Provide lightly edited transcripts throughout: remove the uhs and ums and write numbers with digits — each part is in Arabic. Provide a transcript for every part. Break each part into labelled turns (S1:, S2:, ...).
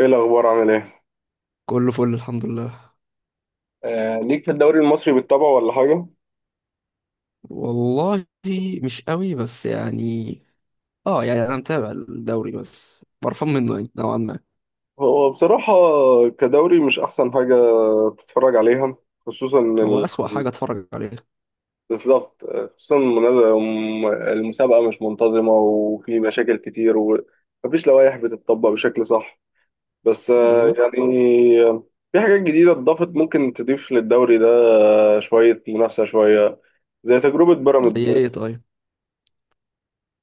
S1: ايه الاخبار عامل ايه؟
S2: كله فل الحمد لله.
S1: ليك في الدوري المصري بالطبع ولا حاجه؟
S2: والله، مش قوي بس يعني. اه يعني انا متابع الدوري بس قرفان منه يعني نوعا ما.
S1: هو بصراحه كدوري مش احسن حاجه تتفرج عليها، خصوصا
S2: هو
S1: ال...
S2: اسوأ حاجة اتفرج عليها.
S1: بالظبط. خصوصا المسابقه مش منتظمه وفي مشاكل كتير ومفيش لوائح بتطبق بشكل صح. بس
S2: بالظبط.
S1: في حاجات جديده اتضافت ممكن تضيف للدوري ده. شويه منافسه شويه زي تجربه بيراميدز.
S2: زي ايه طيب؟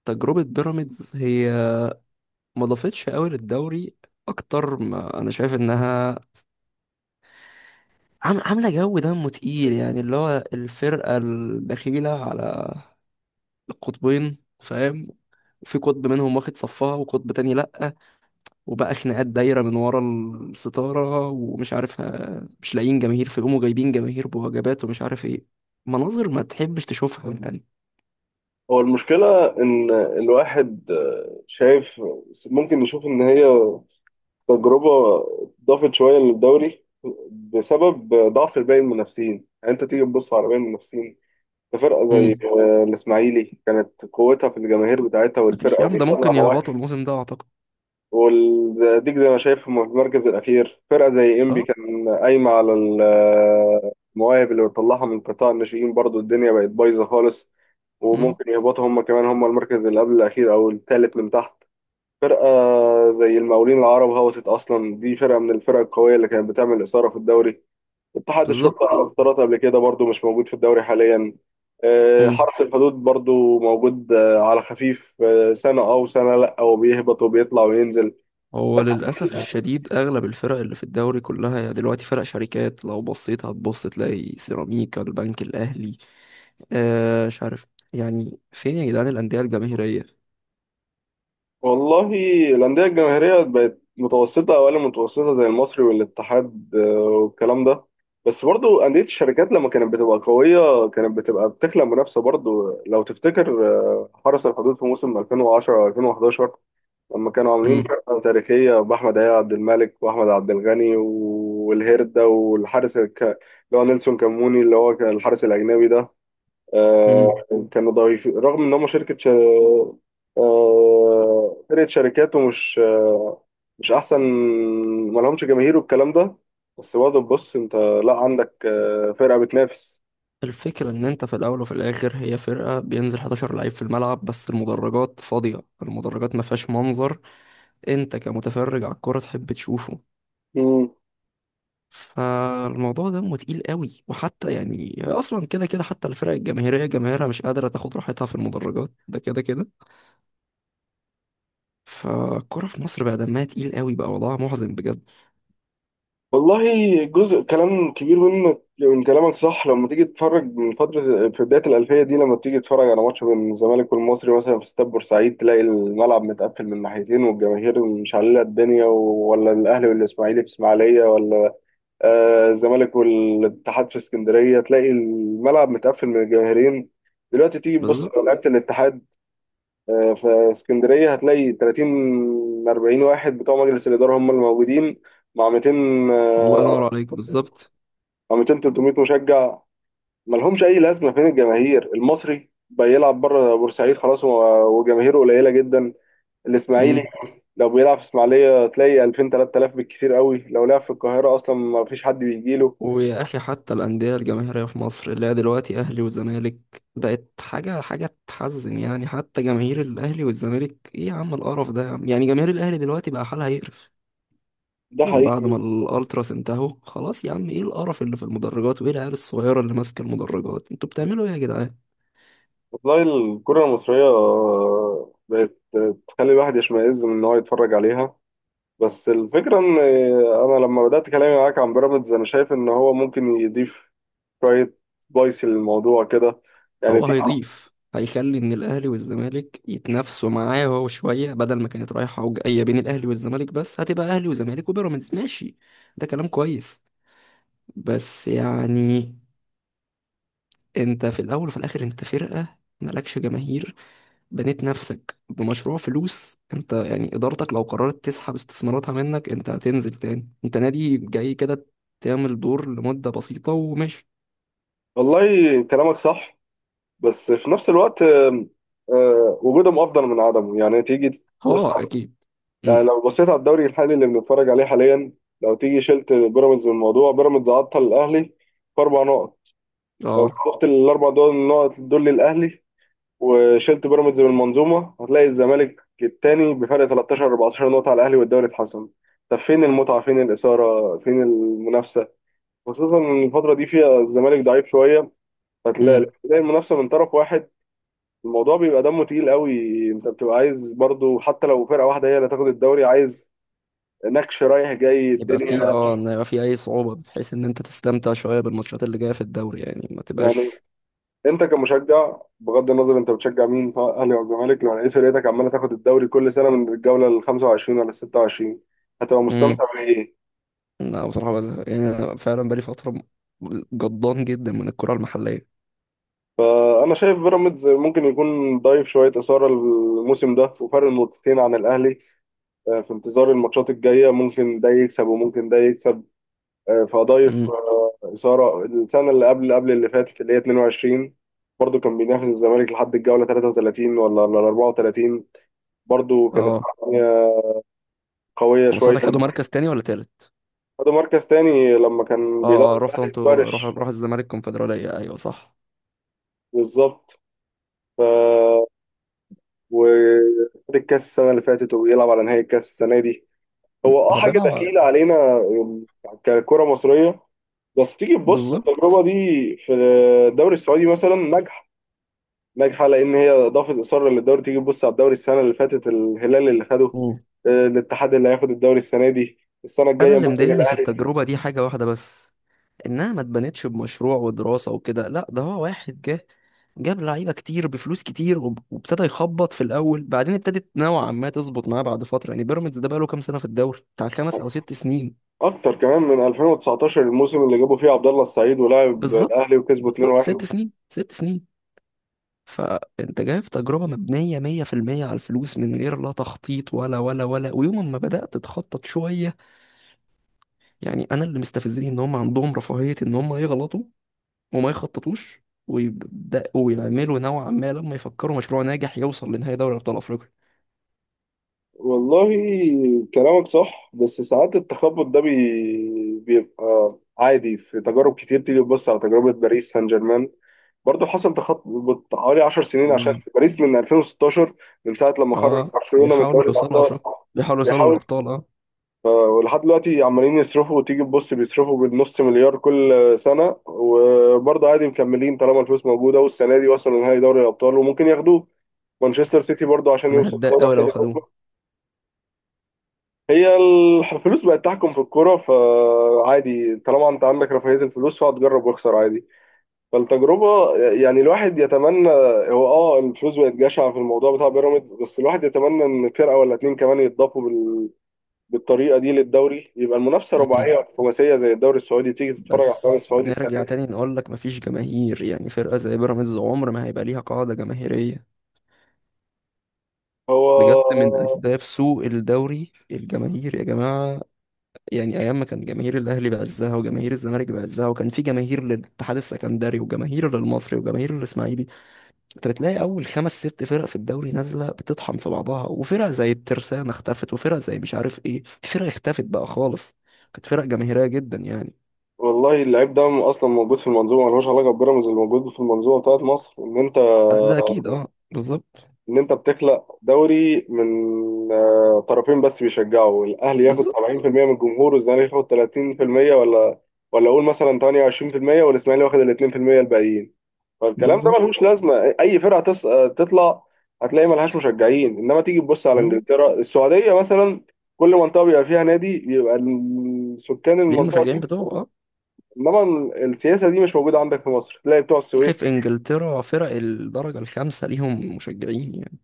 S2: تجربة بيراميدز هي ما ضافتش قوي للدوري. اكتر ما انا شايف انها عاملة جو دمه تقيل، يعني اللي هو الفرقة البخيلة على القطبين، فاهم؟ في قطب منهم واخد صفها وقطب تاني لأ. وبقى خناقات دايرة من ورا الستارة، ومش عارف مش لاقيين جماهير فيقوموا جايبين جماهير بوجبات ومش عارف ايه. مناظر ما تحبش تشوفها يعني.
S1: هو المشكلة إن الواحد شايف ممكن نشوف إن هي تجربة ضافت شوية للدوري بسبب ضعف باقي المنافسين، يعني أنت تيجي تبص على باقي المنافسين. ده فرقة زي
S2: امم
S1: الإسماعيلي كانت قوتها في الجماهير بتاعتها
S2: مفيش
S1: والفرقة
S2: يا عم، ده
S1: وبتطلع
S2: ممكن
S1: مواهب.
S2: يهبطوا الموسم ده اعتقد.
S1: والزقازيق زي ما شايف في المركز الأخير، فرقة زي إنبي
S2: اه.
S1: كان قايمة على المواهب اللي بتطلعها من قطاع الناشئين، برضو الدنيا بقت بايظة خالص.
S2: امم.
S1: وممكن يهبطوا هم كمان، هم المركز اللي قبل الأخير أو الثالث من تحت. فرقة زي المقاولين العرب هبطت أصلا، دي فرقة من الفرق القوية اللي كانت بتعمل إثارة في الدوري. اتحاد
S2: بالظبط.
S1: الشرطة افترضت قبل كده برضو مش موجود في الدوري حاليا.
S2: امم.
S1: حرس الحدود برضو موجود، على خفيف، سنة أو سنة لأ، وبيهبط وبيطلع وينزل.
S2: هو للأسف الشديد أغلب الفرق اللي في الدوري كلها يعني دلوقتي فرق شركات، لو بصيت هتبص تلاقي سيراميكا، البنك الأهلي، مش عارف، يعني فين يا جدعان الأندية الجماهيرية؟
S1: والله، الأندية الجماهيرية بقت متوسطة أو أقل من متوسطة، زي المصري والاتحاد، والكلام ده. بس برضو أندية الشركات لما كانت بتبقى قوية كانت بتبقى بتخلق منافسة، برضو لو تفتكر حرس الحدود في موسم 2010 2011 لما كانوا عاملين فرقة تاريخية بأحمد عياء عبد الملك وأحمد عبد الغني والهيردا والحارس اللي هو نيلسون كاموني، اللي هو كان الحارس الأجنبي ده. آه،
S2: امم.
S1: كانوا ضعيفين رغم ان هم شركه ش... آه، فرقه شركات، ومش آه، مش احسن، ما لهمش جماهير والكلام ده. بس برضه بص انت، لا عندك فرقه بتنافس.
S2: الفكرة إن أنت في الأول وفي الآخر هي فرقة بينزل 11 لعيب في الملعب بس المدرجات فاضية، المدرجات ما فيهاش منظر أنت كمتفرج على الكورة تحب تشوفه.
S1: مم.
S2: فالموضوع ده تقيل قوي، وحتى يعني أصلا كده كده حتى الفرق الجماهيرية جماهيرها مش قادرة تاخد راحتها في المدرجات، ده كده كده. فالكورة في مصر بقى دمها تقيل قوي، بقى وضعها محزن بجد.
S1: والله، جزء كلام كبير منك من كلامك صح. لما تيجي تتفرج من فترة في بداية الألفية دي، لما تيجي تتفرج على ماتش بين الزمالك والمصري مثلا في استاد بورسعيد تلاقي الملعب متقفل من ناحيتين والجماهير مش على الدنيا، ولا الأهلي والإسماعيلي في إسماعيلية، ولا الزمالك والاتحاد في اسكندريه تلاقي الملعب متقفل من الجماهيرين. دلوقتي تيجي تبص
S2: بالظبط.
S1: على لعيبه الاتحاد، في اسكندريه هتلاقي 30 40 واحد بتوع مجلس الاداره هم اللي موجودين مع 200،
S2: الله ينور
S1: آه،
S2: عليك، بالظبط.
S1: مع 200 300 مشجع، ملهمش اي لازمه. فين الجماهير؟ المصري بيلعب بره بورسعيد خلاص، وجماهيره قليله جدا. الاسماعيلي لو بيلعب في اسماعيليه تلاقي 2000 3000 بالكثير قوي، لو لعب في القاهره اصلا ما فيش حد بيجيله.
S2: ويا اخي حتى الانديه الجماهيريه في مصر اللي هي دلوقتي اهلي وزمالك بقت حاجه تحزن، يعني حتى جماهير الاهلي والزمالك، ايه يا عم القرف ده يا عم، يعني جماهير الاهلي دلوقتي بقى حالها يقرف
S1: ده
S2: من بعد
S1: حقيقي.
S2: ما الالتراس انتهوا، خلاص يا عم، ايه القرف اللي في المدرجات وايه العيال الصغيره اللي ماسكه المدرجات، انتوا بتعملوا ايه يا جدعان؟
S1: والله، الكرة المصرية بقت تخلي الواحد يشمئز من إن هو يتفرج عليها. بس الفكرة إن أنا لما بدأت كلامي معاك عن بيراميدز، أنا شايف إن هو ممكن يضيف شوية سبايسي للموضوع كده. يعني
S2: هو
S1: تيجي.
S2: هيضيف، هيخلي ان الاهلي والزمالك يتنافسوا معاه هو شويه، بدل ما كانت رايحه وجايه بين الاهلي والزمالك بس هتبقى اهلي وزمالك وبيراميدز، ماشي. ده كلام كويس، بس يعني انت في الاول وفي الاخر انت فرقة مالكش جماهير، بنيت نفسك بمشروع فلوس، انت يعني ادارتك لو قررت تسحب استثماراتها منك انت هتنزل تاني، انت نادي جاي كده تعمل دور لمدة بسيطة وماشي.
S1: والله كلامك صح، بس في نفس الوقت وجودهم أفضل من عدمه، يعني تيجي تبص
S2: اه
S1: على-
S2: اكيد.
S1: يعني
S2: مم.
S1: لو بصيت على الدوري الحالي اللي بنتفرج عليه حاليا، لو تيجي شلت بيراميدز من الموضوع، بيراميدز عطل الأهلي في أربع نقط. لو
S2: اه.
S1: شلت الاربع دول النقط دول للاهلي وشلت بيراميدز من المنظومه، هتلاقي الزمالك التاني بفرق 13 14 نقطه على الاهلي والدوري اتحسم. طب فين المتعه، فين الاثاره، فين المنافسه؟ خصوصا ان الفتره دي فيها الزمالك ضعيف شويه، فتلاقي
S2: مم.
S1: تلاقي المنافسه من طرف واحد. الموضوع بيبقى دمه تقيل قوي. انت بتبقى عايز برضو، حتى لو فرقه واحده هي اللي تاخد الدوري، عايز نكش رايح جاي
S2: يبقى في
S1: الدنيا.
S2: ان يبقى في اي صعوبة بحيث ان انت تستمتع شوية بالماتشات اللي جاية في الدوري يعني، ما
S1: يعني
S2: تبقاش.
S1: انت كمشجع، بغض النظر انت بتشجع مين، سواء اهلي او الزمالك، لو لقيت فرقتك عماله تاخد الدوري كل سنه من الجوله ال 25 ولا ال 26، هتبقى
S2: مم.
S1: مستمتع بايه؟
S2: لا بصراحة بزهق، يعني انا فعلا بقالي فترة جضان جدا من الكرة المحلية.
S1: فانا شايف بيراميدز ممكن يكون ضايف شويه اثاره الموسم ده وفرق نقطتين عن الاهلي، في انتظار الماتشات الجايه ممكن ده يكسب وممكن ده يكسب. فضايف اثاره. السنه اللي قبل قبل اللي فاتت اللي هي 22، برضه كان بينافس الزمالك لحد الجوله 33 ولا 34. برضه كانت
S2: اه.
S1: قويه
S2: هم
S1: شويه.
S2: ساعتها خدوا مركز تاني ولا تالت؟
S1: خدوا مركز تاني لما كان بيدرب
S2: اه اه رحت
S1: الاهلي في
S2: انتوا، روح
S1: ورش.
S2: روح الزمالك الكونفدرالية، ايوه صح.
S1: بالظبط. ف وخد الكاس السنه اللي فاتت، وبيلعب على نهائي الكاس السنه دي. هو
S2: طب
S1: حاجه
S2: انا.
S1: دخيله علينا ككره مصريه، بس تيجي تبص
S2: بالظبط.
S1: التجربه دي في الدوري السعودي مثلا ناجحه. ناجحه لان هي اضافت اصرار للدوري. تيجي تبص على الدوري السنه اللي فاتت الهلال اللي خده،
S2: مم.
S1: الاتحاد اللي هياخد الدوري السنه دي، السنه
S2: انا
S1: الجايه
S2: اللي
S1: ممكن
S2: مضايقني في
S1: الاهلي.
S2: التجربة دي حاجة واحدة بس، انها ما اتبنتش بمشروع ودراسة وكده، لا ده هو واحد جه جاب لعيبة كتير بفلوس كتير وابتدى يخبط في الاول، بعدين ابتدت نوعا ما تظبط معاه بعد فترة، يعني بيراميدز ده بقاله كام سنة في الدوري بتاع خمس او ست سنين.
S1: اكتر كمان من 2019، الموسم اللي جابوا فيه عبد الله السعيد، ولعب
S2: بالظبط،
S1: الاهلي وكسبوا
S2: بالظبط، ست
S1: 2-1.
S2: سنين ست سنين. فانت جايب تجربة مبنية مية في المية على الفلوس، من غير لا تخطيط ولا ولا ولا، ويوم ما بدأت تخطط شوية يعني انا اللي مستفزني ان هم عندهم رفاهية ان هم يغلطوا وما يخططوش، ويبدأوا يعملوا نوعا ما، لما يفكروا مشروع ناجح يوصل لنهائي دوري أبطال أفريقيا.
S1: والله كلامك صح، بس ساعات التخبط ده بيبقى عادي في تجارب كتير. تيجي تبص على تجربة باريس سان جيرمان، برضه حصل تخبط حوالي 10 سنين عشان
S2: مم.
S1: في باريس من 2016، من ساعة لما خرج
S2: اه
S1: برشلونة من
S2: بيحاولوا
S1: دوري
S2: يوصلوا
S1: الأبطال.
S2: افريقيا، بيحاولوا يوصلوا
S1: بيحاول
S2: للابطال، اه.
S1: ولحد دلوقتي عمالين يصرفوا، وتيجي تبص بيصرفوا بالنص مليار كل سنة، وبرضه عادي مكملين طالما الفلوس موجودة، والسنة دي وصلوا نهائي دوري الأبطال وممكن ياخدوه. مانشستر سيتي برضه عشان
S2: انا
S1: يوصل
S2: هتضايق
S1: دوري
S2: قوي لو
S1: أبطال
S2: خدوه.
S1: أوروبا. هي الفلوس بقت تحكم في الكورة، فعادي طالما أنت عندك رفاهية الفلوس، فهتجرب واخسر عادي. فالتجربة يعني الواحد يتمنى. هو الفلوس بقت جشعة في الموضوع بتاع بيراميدز، بس الواحد يتمنى إن فرقة ولا اتنين كمان يتضافوا بالطريقه دي للدوري، يبقى المنافسه
S2: مم.
S1: رباعيه ولا خماسيه زي الدوري السعودي. تيجي تتفرج على الدوري
S2: بس
S1: السعودي السنه
S2: نرجع
S1: دي.
S2: تاني نقول لك مفيش جماهير، يعني فرقة زي بيراميدز عمر ما هيبقى ليها قاعدة جماهيرية. بجد
S1: هو.
S2: من اسباب سوء الدوري الجماهير يا جماعه، يعني ايام ما كان جماهير الاهلي بعزها وجماهير الزمالك بعزها وكان في جماهير للاتحاد السكندري وجماهير للمصري وجماهير للاسماعيلي، انت بتلاقي اول خمس ست فرق في الدوري نازله بتطحن في بعضها، وفرق زي الترسانه اختفت وفرق زي مش عارف ايه في فرق اختفت بقى خالص، كانت فرق جماهيريه جدا يعني.
S1: والله اللعيب ده اصلا موجود في المنظومه، ملوش علاقه ببيراميدز. اللي موجود في المنظومه بتاعت مصر، ان انت
S2: آه، ده اكيد، اه بالظبط.
S1: ان انت بتخلق دوري من طرفين بس بيشجعوا، الاهلي ياخد
S2: بالظبط.
S1: 70% من الجمهور والزمالك ياخد 30%، ولا اقول مثلا 28%، والاسماعيلي واخد ال 2% الباقيين. فالكلام ده
S2: بالظبط.
S1: ملهوش لازمه. اي فرقه تطلع هتلاقي ملهاش مشجعين. انما تيجي تبص على
S2: مم.
S1: انجلترا، السعوديه مثلا، كل منطقه بيبقى فيها نادي بيبقى سكان
S2: ليه؟
S1: المنطقه
S2: المشجعين
S1: دي.
S2: بتوعه اه.
S1: انما السياسه دي مش موجوده عندك في مصر. تلاقي بتوع
S2: تلاقي
S1: السويس.
S2: في انجلترا فرق الدرجه الخامسه ليهم مشجعين يعني.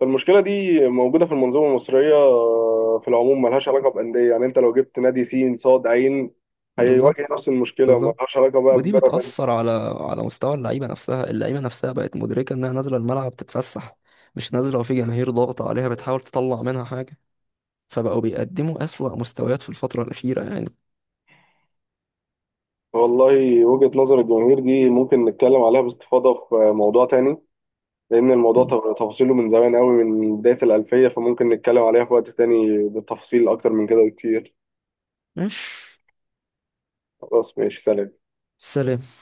S1: فالمشكله دي موجوده في المنظومه المصريه في العموم، ملهاش علاقه بانديه. يعني انت لو جبت نادي سين صاد عين، هيواجه
S2: بالظبط.
S1: نفس المشكله،
S2: بالظبط،
S1: ملهاش علاقه بقى
S2: ودي
S1: ببيراميدز.
S2: بتأثر على مستوى اللعيبة نفسها، اللعيبة نفسها بقت مدركة إنها نازلة الملعب تتفسح، مش نازلة وفي جماهير ضاغطة عليها بتحاول تطلع منها حاجة، فبقوا بيقدموا أسوأ مستويات في الفترة الأخيرة يعني.
S1: والله وجهه نظر الجماهير دي ممكن نتكلم عليها باستفاضه في موضوع تاني، لأن الموضوع
S2: مم.
S1: تفاصيله من زمان قوي من بداية الألفية، فممكن نتكلم عليها في وقت تاني بالتفاصيل أكتر من كده بكتير.
S2: مش
S1: خلاص ماشي، سلام.
S2: سلام.